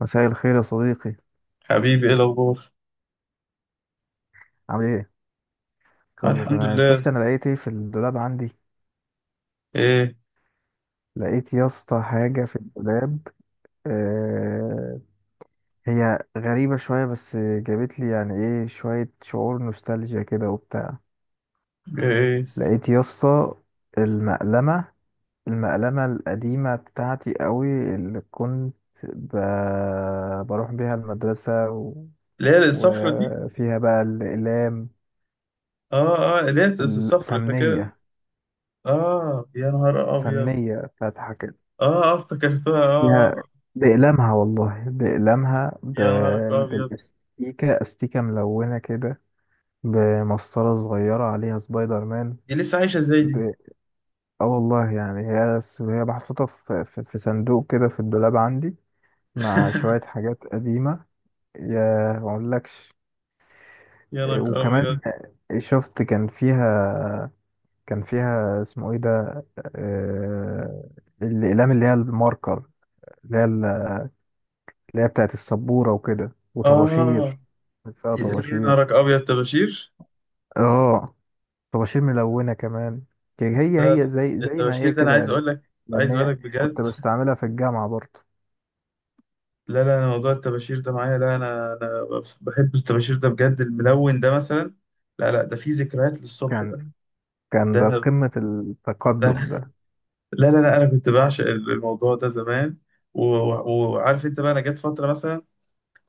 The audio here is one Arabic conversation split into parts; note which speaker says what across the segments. Speaker 1: مساء الخير يا صديقي.
Speaker 2: حبيبي ايه الاخبار؟
Speaker 1: عامل ايه؟
Speaker 2: آه
Speaker 1: كله
Speaker 2: الحمد
Speaker 1: تمام. شفت
Speaker 2: لله.
Speaker 1: انا لقيت ايه في الدولاب عندي.
Speaker 2: ايه
Speaker 1: لقيت يا اسطى حاجه في الدولاب. آه، هي غريبه شويه، بس جابت لي يعني ايه شويه شعور نوستالجيا كده وبتاع.
Speaker 2: ايه
Speaker 1: لقيت يا اسطى المقلمه المقلمه القديمه بتاعتي قوي، اللي كنت ب... بروح بيها المدرسه
Speaker 2: اللي هي الصفرة دي؟
Speaker 1: وفيها بقى الاقلام.
Speaker 2: اه اه، اللي هي الصفرة فاكرها دي.
Speaker 1: السمنيه
Speaker 2: اه يا نهار ابيض.
Speaker 1: سمنيه بتاعت،
Speaker 2: اه اه افتكرتها، اه.
Speaker 1: فيها
Speaker 2: آه. آه.
Speaker 1: بأقلامها، والله بأقلامها،
Speaker 2: يا نهارك ابيض.
Speaker 1: بالاستيكة، استيكة ملونة كده، بمسطرة صغيرة عليها سبايدر مان.
Speaker 2: دي لسه عايشة ازاي دي؟
Speaker 1: ب... اه، والله يعني هي هي محطوطة في صندوق كده في الدولاب عندي، مع شوية حاجات قديمة. يا ما اقولكش.
Speaker 2: يا نهارك ابيض.
Speaker 1: وكمان شفت كان فيها اسمه ايه ده، آه، الأقلام اللي هي الماركر، اللي هي اللي هي بتاعت السبورة وكده،
Speaker 2: اه،
Speaker 1: وطباشير. كان فيها
Speaker 2: يا
Speaker 1: طباشير.
Speaker 2: نهارك ابيض، طباشير؟
Speaker 1: اه، طباشير ملونة كمان. كان هي
Speaker 2: لا
Speaker 1: هي
Speaker 2: لا.
Speaker 1: زي زي ما
Speaker 2: الطباشير
Speaker 1: هي
Speaker 2: ده انا
Speaker 1: كده
Speaker 2: عايز
Speaker 1: يعني،
Speaker 2: اقول لك،
Speaker 1: لأن
Speaker 2: عايز اقول
Speaker 1: هي
Speaker 2: لك
Speaker 1: كنت
Speaker 2: بجد.
Speaker 1: بستعملها في الجامعة برضه.
Speaker 2: لا لا، أنا موضوع الطباشير ده معايا، لا انا بحب الطباشير ده بجد، الملون ده مثلا. لا لا، ده فيه ذكريات للصبح ده.
Speaker 1: كان كان
Speaker 2: ده
Speaker 1: ده
Speaker 2: انا
Speaker 1: قمة التقدم
Speaker 2: ده
Speaker 1: ده.
Speaker 2: لا لا لا، انا كنت بعشق الموضوع ده زمان. وعارف انت بقى، انا جت فتره مثلا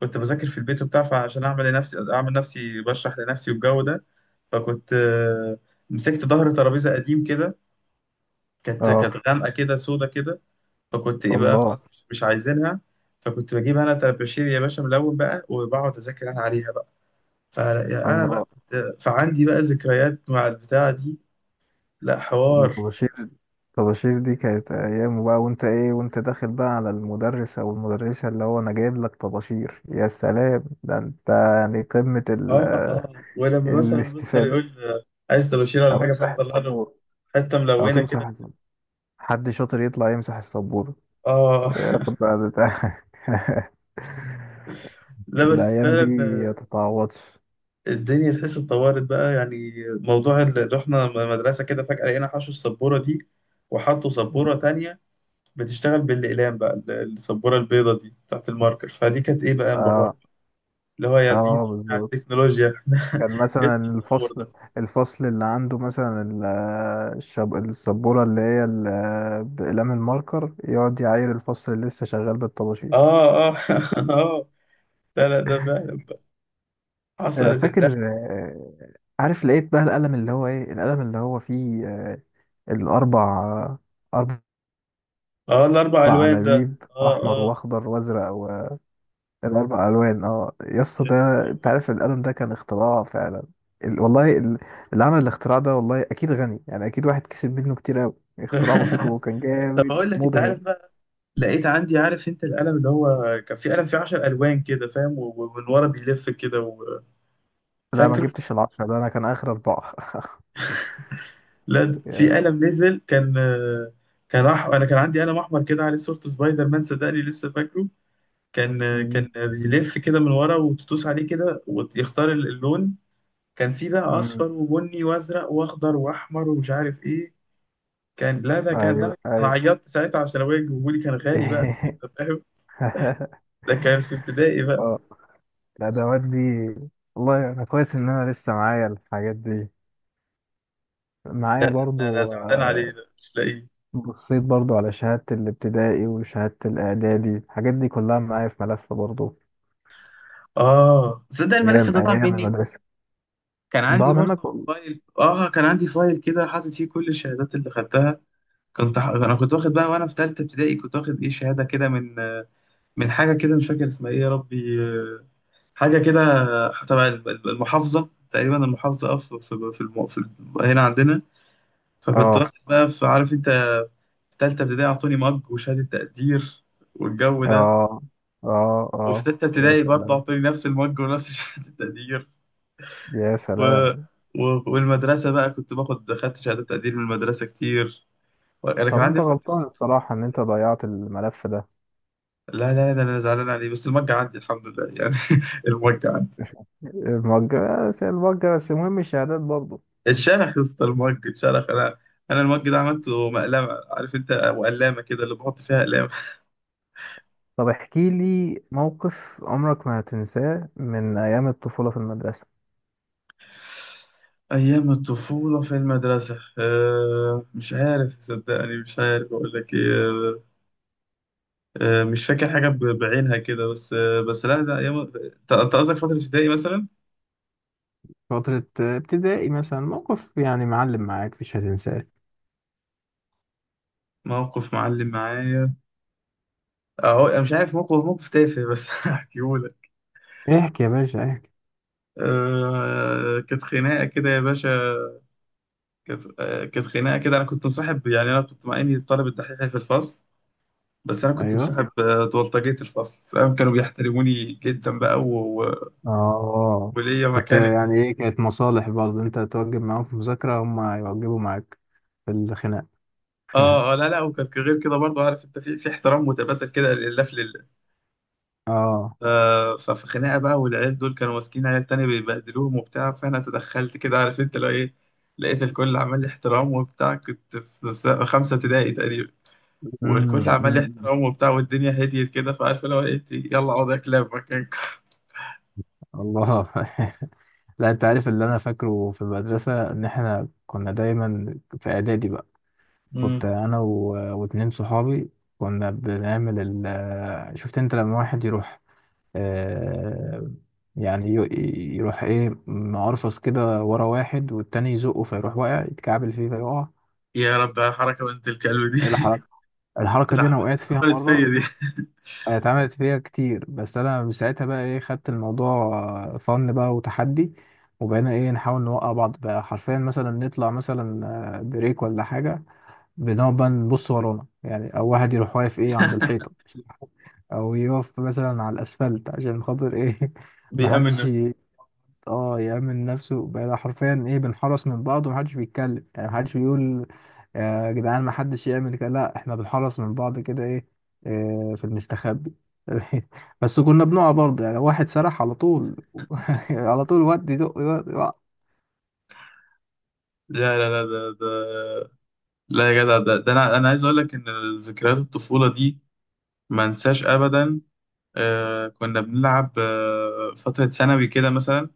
Speaker 2: كنت بذاكر في البيت وبتاع، فعشان اعمل لنفسي، اعمل نفسي بشرح لنفسي والجو ده. فكنت مسكت ظهر ترابيزه قديم كده، كانت
Speaker 1: اه.
Speaker 2: كانت غامقه كده، سودا كده. فكنت ايه بقى؟ خلاص،
Speaker 1: الله.
Speaker 2: مش عايزينها. فكنت بجيب انا طباشير يا باشا ملون بقى، وبقعد اذاكر انا عليها بقى. فانا بقى
Speaker 1: الله.
Speaker 2: كنت، فعندي بقى ذكريات مع البتاعه دي. لا حوار.
Speaker 1: الطباشير الطباشير دي كانت أيام، بقى وأنت إيه وأنت داخل بقى على المدرس أو المدرسة، اللي هو أنا جايب لك طباشير، يا سلام، ده أنت يعني قمة
Speaker 2: اه اه، ولما مثلا المستر
Speaker 1: الاستفادة.
Speaker 2: يقول عايز طباشير ولا
Speaker 1: أو
Speaker 2: حاجه،
Speaker 1: امسح
Speaker 2: فانا اطلع له
Speaker 1: السبورة.
Speaker 2: حته
Speaker 1: او
Speaker 2: ملونه كده.
Speaker 1: تمسح حد شاطر يطلع يمسح السبورة،
Speaker 2: اه.
Speaker 1: ياخد بقى بتاع.
Speaker 2: لا بس
Speaker 1: الايام دي
Speaker 2: فعلا،
Speaker 1: ما تتعوضش.
Speaker 2: الدنيا تحس اتطورت بقى. يعني موضوع اللي رحنا مدرسه كده فجاه لقينا حشوا السبوره دي، وحطوا سبوره تانية بتشتغل بالاقلام بقى، السبوره البيضه دي بتاعت الماركر. فدي كانت ايه بقى؟ انبهار،
Speaker 1: اه،
Speaker 2: اللي هو يا دين
Speaker 1: اه،
Speaker 2: على
Speaker 1: بالظبط.
Speaker 2: التكنولوجيا. احنا
Speaker 1: كان
Speaker 2: ايه
Speaker 1: مثلا
Speaker 2: التطور
Speaker 1: الفصل
Speaker 2: ده؟
Speaker 1: الفصل اللي عنده مثلا، السبورة اللي هي بأقلام الماركر، يقعد يعاير الفصل اللي لسه شغال بالطباشير.
Speaker 2: اه اه، اه. لا لا، ده فعلا بقى حصلت.
Speaker 1: فاكر. عارف، لقيت بقى القلم، اللي هو ايه، القلم اللي هو فيه الأربع أربع
Speaker 2: اه الاربع
Speaker 1: اربع
Speaker 2: الوان ده.
Speaker 1: عناويب:
Speaker 2: اه
Speaker 1: احمر
Speaker 2: اه،
Speaker 1: واخضر وازرق، والاربع الوان. اه يا اسطى
Speaker 2: يا
Speaker 1: ده.
Speaker 2: نهار
Speaker 1: انت عارف القلم ده كان اختراع فعلا. والله، اللي عمل الاختراع ده، والله اكيد غني، يعني اكيد واحد كسب منه كتير قوي. اختراع بسيط
Speaker 2: أبيض.
Speaker 1: وكان
Speaker 2: طب
Speaker 1: جامد
Speaker 2: اقول لك؟ انت
Speaker 1: مبهر.
Speaker 2: عارف بقى، لقيت عندي، عارف انت القلم اللي هو كان في قلم فيه 10 الوان كده، فاهم؟ ومن ورا بيلف كده
Speaker 1: لا، ما
Speaker 2: فاكره.
Speaker 1: جبتش العشرة ده، انا كان اخر اربعة.
Speaker 2: لا في
Speaker 1: يا-
Speaker 2: قلم نزل، كان كان انا كان عندي قلم احمر كده عليه صورة سبايدر مان، صدقني لسه فاكره. كان كان
Speaker 1: أمم،
Speaker 2: بيلف كده من ورا وتدوس عليه كده ويختار اللون. كان في بقى
Speaker 1: أمم.
Speaker 2: اصفر وبني وازرق واخضر واحمر ومش عارف ايه. كان، لا ده كان، ده
Speaker 1: ايوه،
Speaker 2: انا
Speaker 1: ايوه.
Speaker 2: عيطت ساعتها عشان ابويا جابولي، كان غالي بقى ساعتها فاهم. ده كان في ابتدائي بقى.
Speaker 1: اه. الادوات دي، والله انا كويس ان انا لسه معايا الحاجات دي،
Speaker 2: لا
Speaker 1: معايا
Speaker 2: لا لا، انا
Speaker 1: برضو.
Speaker 2: زعلان عليه، ده مش لاقيه.
Speaker 1: بصيت برضو على شهادة الابتدائي وشهادة الإعدادي، الحاجات دي كلها معايا في ملف برضو.
Speaker 2: اه تصدق، الملف
Speaker 1: أيام
Speaker 2: ده ضاع
Speaker 1: أيام
Speaker 2: مني.
Speaker 1: المدرسة.
Speaker 2: كان عندي
Speaker 1: ضاع منك
Speaker 2: برضه فايل، اه كان عندي فايل كده حاطط فيه كل الشهادات اللي خدتها. انا كنت واخد بقى وانا في ثالثه ابتدائي، كنت واخد ايه، شهاده كده من من حاجه كده، مش فاكر اسمها ايه يا ربي، حاجه كده، تبع المحافظه تقريبا، المحافظه، اه في، هنا عندنا. فكنت
Speaker 1: آه،
Speaker 2: واخد بقى، في عارف انت، في تالتة ابتدائي أعطوني مج وشهادة تقدير والجو ده.
Speaker 1: آه، آه،
Speaker 2: وفي
Speaker 1: آه.
Speaker 2: ستة
Speaker 1: يا
Speaker 2: ابتدائي برضه
Speaker 1: سلام،
Speaker 2: أعطوني نفس المج ونفس شهادة التقدير.
Speaker 1: يا
Speaker 2: و...
Speaker 1: سلام.
Speaker 2: والمدرسة بقى كنت باخد، خدت شهادة تقدير من المدرسة كتير. أنا كان
Speaker 1: طب أنت
Speaker 2: عندي أصلا
Speaker 1: غلطان
Speaker 2: امتحان.
Speaker 1: الصراحة إن أنت ضيعت الملف ده.
Speaker 2: لا لا لا، أنا زعلان عليه، بس المج عندي الحمد لله يعني. المج عندي.
Speaker 1: الموجه بس، الموجه بس، المهم الشهادات برضو.
Speaker 2: اتشرخ يا اسطى، المج اتشرخ أنا. أنا المج ده عملته مقلمة، عارف أنت، وقلامة كده اللي بحط فيها أقلام.
Speaker 1: طب احكي لي موقف عمرك ما هتنساه من أيام الطفولة في المدرسة.
Speaker 2: أيام الطفولة في المدرسة، أه مش عارف صدقني، مش عارف أقول لك إيه، أه مش فاكر حاجة بعينها كده، بس أه، بس لا ده أيام، أنت قصدك فترة ابتدائي مثلا؟
Speaker 1: فترة ابتدائي مثلا، موقف يعني معلم معاك مش هتنساه.
Speaker 2: موقف معلم معايا. أهو أنا مش عارف، موقف، موقف تافه بس هحكيهولك.
Speaker 1: احكي يا باشا احكي.
Speaker 2: أه كانت خناقة كده يا باشا. كانت كانت خناقة كده. أنا كنت مصاحب، يعني أنا كنت مع إني الطالب الدحيح في الفصل، بس أنا كنت
Speaker 1: ايوه،
Speaker 2: مصاحب بلطجية الفصل، فاهم؟ كانوا بيحترموني جدا بقى،
Speaker 1: اه.
Speaker 2: وليا
Speaker 1: كنت
Speaker 2: مكانه
Speaker 1: يعني
Speaker 2: كده.
Speaker 1: ايه، كانت مصالح برضه، انت توجب معاهم في مذاكرة هم يوجبوا معاك في الخناق.
Speaker 2: اه اه، لا لا، وكانت غير كده برضو، عارف انت، في احترام متبادل كده، لله في لله.
Speaker 1: اه.
Speaker 2: ف- ففي خناقه بقى، والعيال دول كانوا ماسكين عيال تانية بيبهدلوهم وبتاع، فانا تدخلت كده، عارف انت لو ايه. لقيت الكل عمال لي احترام وبتاع، كنت في خمسه ابتدائي تقريبا. والكل
Speaker 1: أمم،
Speaker 2: عمال لي
Speaker 1: أمم.
Speaker 2: احترام وبتاع، والدنيا هديت كده، فعارف لو ايه، يلا اقعد يا كلاب مكانكم.
Speaker 1: الله. لا، انت عارف اللي انا فاكره في المدرسة، ان احنا كنا دايما في اعدادي بقى. كنت
Speaker 2: امم.
Speaker 1: انا واتنين صحابي، كنا بنعمل شفت انت لما واحد يروح، آه، يعني يروح ايه معرفص كده ورا واحد، والتاني يزقه، فيروح واقع يتكعبل فيه فيقع.
Speaker 2: يا رب، يا حركه بنت الكلب دي.
Speaker 1: الحركة الحركة دي أنا
Speaker 2: اتعملت
Speaker 1: وقعت فيها
Speaker 2: اتعملت فيا
Speaker 1: مرة.
Speaker 2: دي.
Speaker 1: اتعملت فيها كتير، بس أنا من ساعتها بقى ايه خدت الموضوع فن بقى وتحدي، وبقينا ايه نحاول نوقع بعض بقى حرفيا، مثلا نطلع مثلا بريك ولا حاجة، بنقعد بقى نبص ورانا، يعني أو واحد يروح واقف ايه عند الحيطة، أو يقف مثلا على الأسفلت عشان خاطر ايه،
Speaker 2: بيأمن
Speaker 1: محدش.
Speaker 2: نفسه.
Speaker 1: اه، يأمن نفسه بقى، حرفيا ايه بنحرس من بعض، ومحدش بيتكلم، يعني محدش بيقول يا جدعان محدش يعمل كده، لا، احنا بنحرس من بعض كده ايه، في المستخبي. بس كنا بنقع برضه يعني، واحد سرح على طول، على طول ودي زق ودي وق.
Speaker 2: لا لا لا، ده ده لا يا جدع، ده انا عايز اقول لك ان ذكريات الطفوله دي ما انساش ابدا. آه كنا بنلعب، آه فتره ثانوي كده مثلا،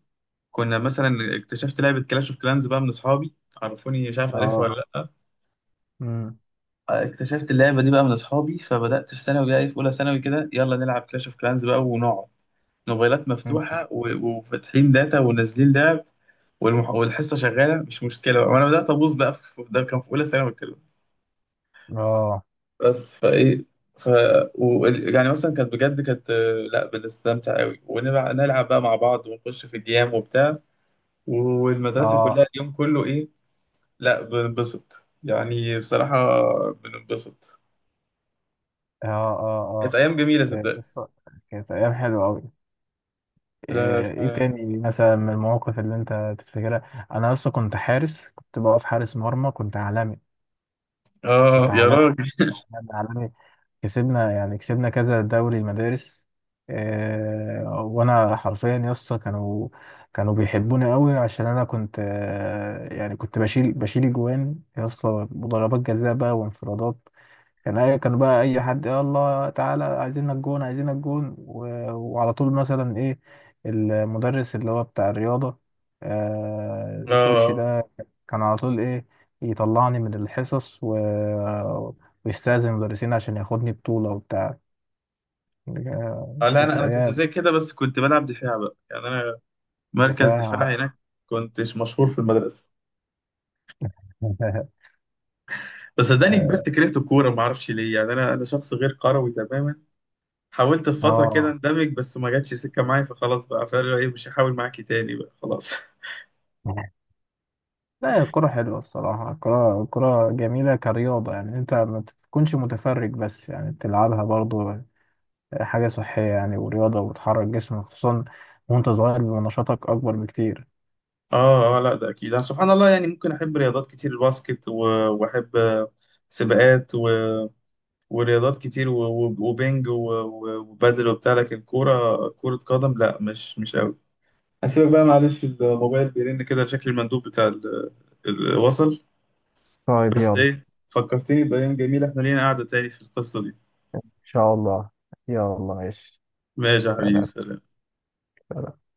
Speaker 2: كنا مثلا اكتشفت لعبه كلاش اوف كلانز بقى من اصحابي، عرفوني، مش عارف، عارفها
Speaker 1: اه.
Speaker 2: ولا لا؟
Speaker 1: امم.
Speaker 2: اكتشفت اللعبه دي بقى من اصحابي، فبدات في ثانوي بقى، في اولى ثانوي كده، يلا نلعب كلاش اوف كلانز بقى، ونقعد موبايلات
Speaker 1: أمم.
Speaker 2: مفتوحه وفاتحين داتا ونازلين لعب. والحصه شغاله مش مشكله، وانا بدات ابوظ بقى ده كان في اولى ثانوي.
Speaker 1: اه،
Speaker 2: بس فايه. ف يعني مثلا كانت بجد، كانت لا بنستمتع قوي، ونلعب بقى مع بعض، ونخش في الجيام وبتاع، والمدرسة
Speaker 1: اه،
Speaker 2: كلها اليوم كله ايه. لا بننبسط يعني بصراحة، بننبسط.
Speaker 1: اه،
Speaker 2: كانت
Speaker 1: اه،
Speaker 2: أيام جميلة
Speaker 1: اه.
Speaker 2: صدقني.
Speaker 1: بص، كانت ايام حلوه قوي.
Speaker 2: لا.
Speaker 1: ايه تاني مثلا من المواقف اللي انت تفتكرها؟ انا اصلا كنت حارس، كنت بقف حارس مرمى، كنت عالمي.
Speaker 2: اه
Speaker 1: كنت
Speaker 2: يا
Speaker 1: عالمي،
Speaker 2: راجل.
Speaker 1: عالمي عالمي. كسبنا يعني كسبنا كذا دوري المدارس. وانا حرفيا يا اسطى، كانوا بيحبوني قوي، عشان انا كنت يعني كنت بشيل اجوان يا اسطى، وضربات جزاء بقى وانفرادات. كان اي كانوا بقى اي حد يلا تعالى، عايزينك جون، عايزينك جون. وعلى طول مثلا ايه، المدرس اللي هو بتاع الرياضة، الكوتش
Speaker 2: اه،
Speaker 1: ده، كان على طول ايه يطلعني من الحصص ويستأذن المدرسين عشان ياخدني بطولة وبتاع.
Speaker 2: لا
Speaker 1: كانت
Speaker 2: انا كنت
Speaker 1: أيام.
Speaker 2: زي كده، بس كنت بلعب دفاع بقى، يعني انا مركز
Speaker 1: دفاع.
Speaker 2: دفاع هناك، كنتش مشهور في المدرسة. بس صدقني كبرت كرهت الكورة، ما اعرفش ليه يعني، انا شخص غير كروي تماما. حاولت في فترة كده
Speaker 1: اه،
Speaker 2: اندمج، بس ما جاتش سكة معايا، فخلاص بقى فاهم ايه، مش هحاول معاكي تاني بقى خلاص.
Speaker 1: لا، الكرة حلوة الصراحة، الكرة جميلة كرياضة، يعني انت ما تكونش متفرج بس، يعني تلعبها برضو. حاجة صحية يعني، ورياضة وبتحرك جسمك، خصوصا وانت صغير بيبقى نشاطك أكبر بكتير.
Speaker 2: اه اه، لا ده اكيد. أنا سبحان الله يعني ممكن احب رياضات كتير، الباسكت واحب سباقات ورياضات كتير وبينج وبادل وبتاع، لكن كورة، كرة قدم لا، مش قوي. هسيبك بقى معلش، الموبايل بيرن كده، شكل المندوب بتاع وصل.
Speaker 1: طيب
Speaker 2: بس
Speaker 1: يلا.
Speaker 2: ايه، فكرتني بأيام جميلة، احنا لينا قعدة تاني في القصة دي.
Speaker 1: إن شاء الله. يلا ماشي.
Speaker 2: ماشي يا حبيبي،
Speaker 1: سلام.
Speaker 2: سلام.
Speaker 1: سلام.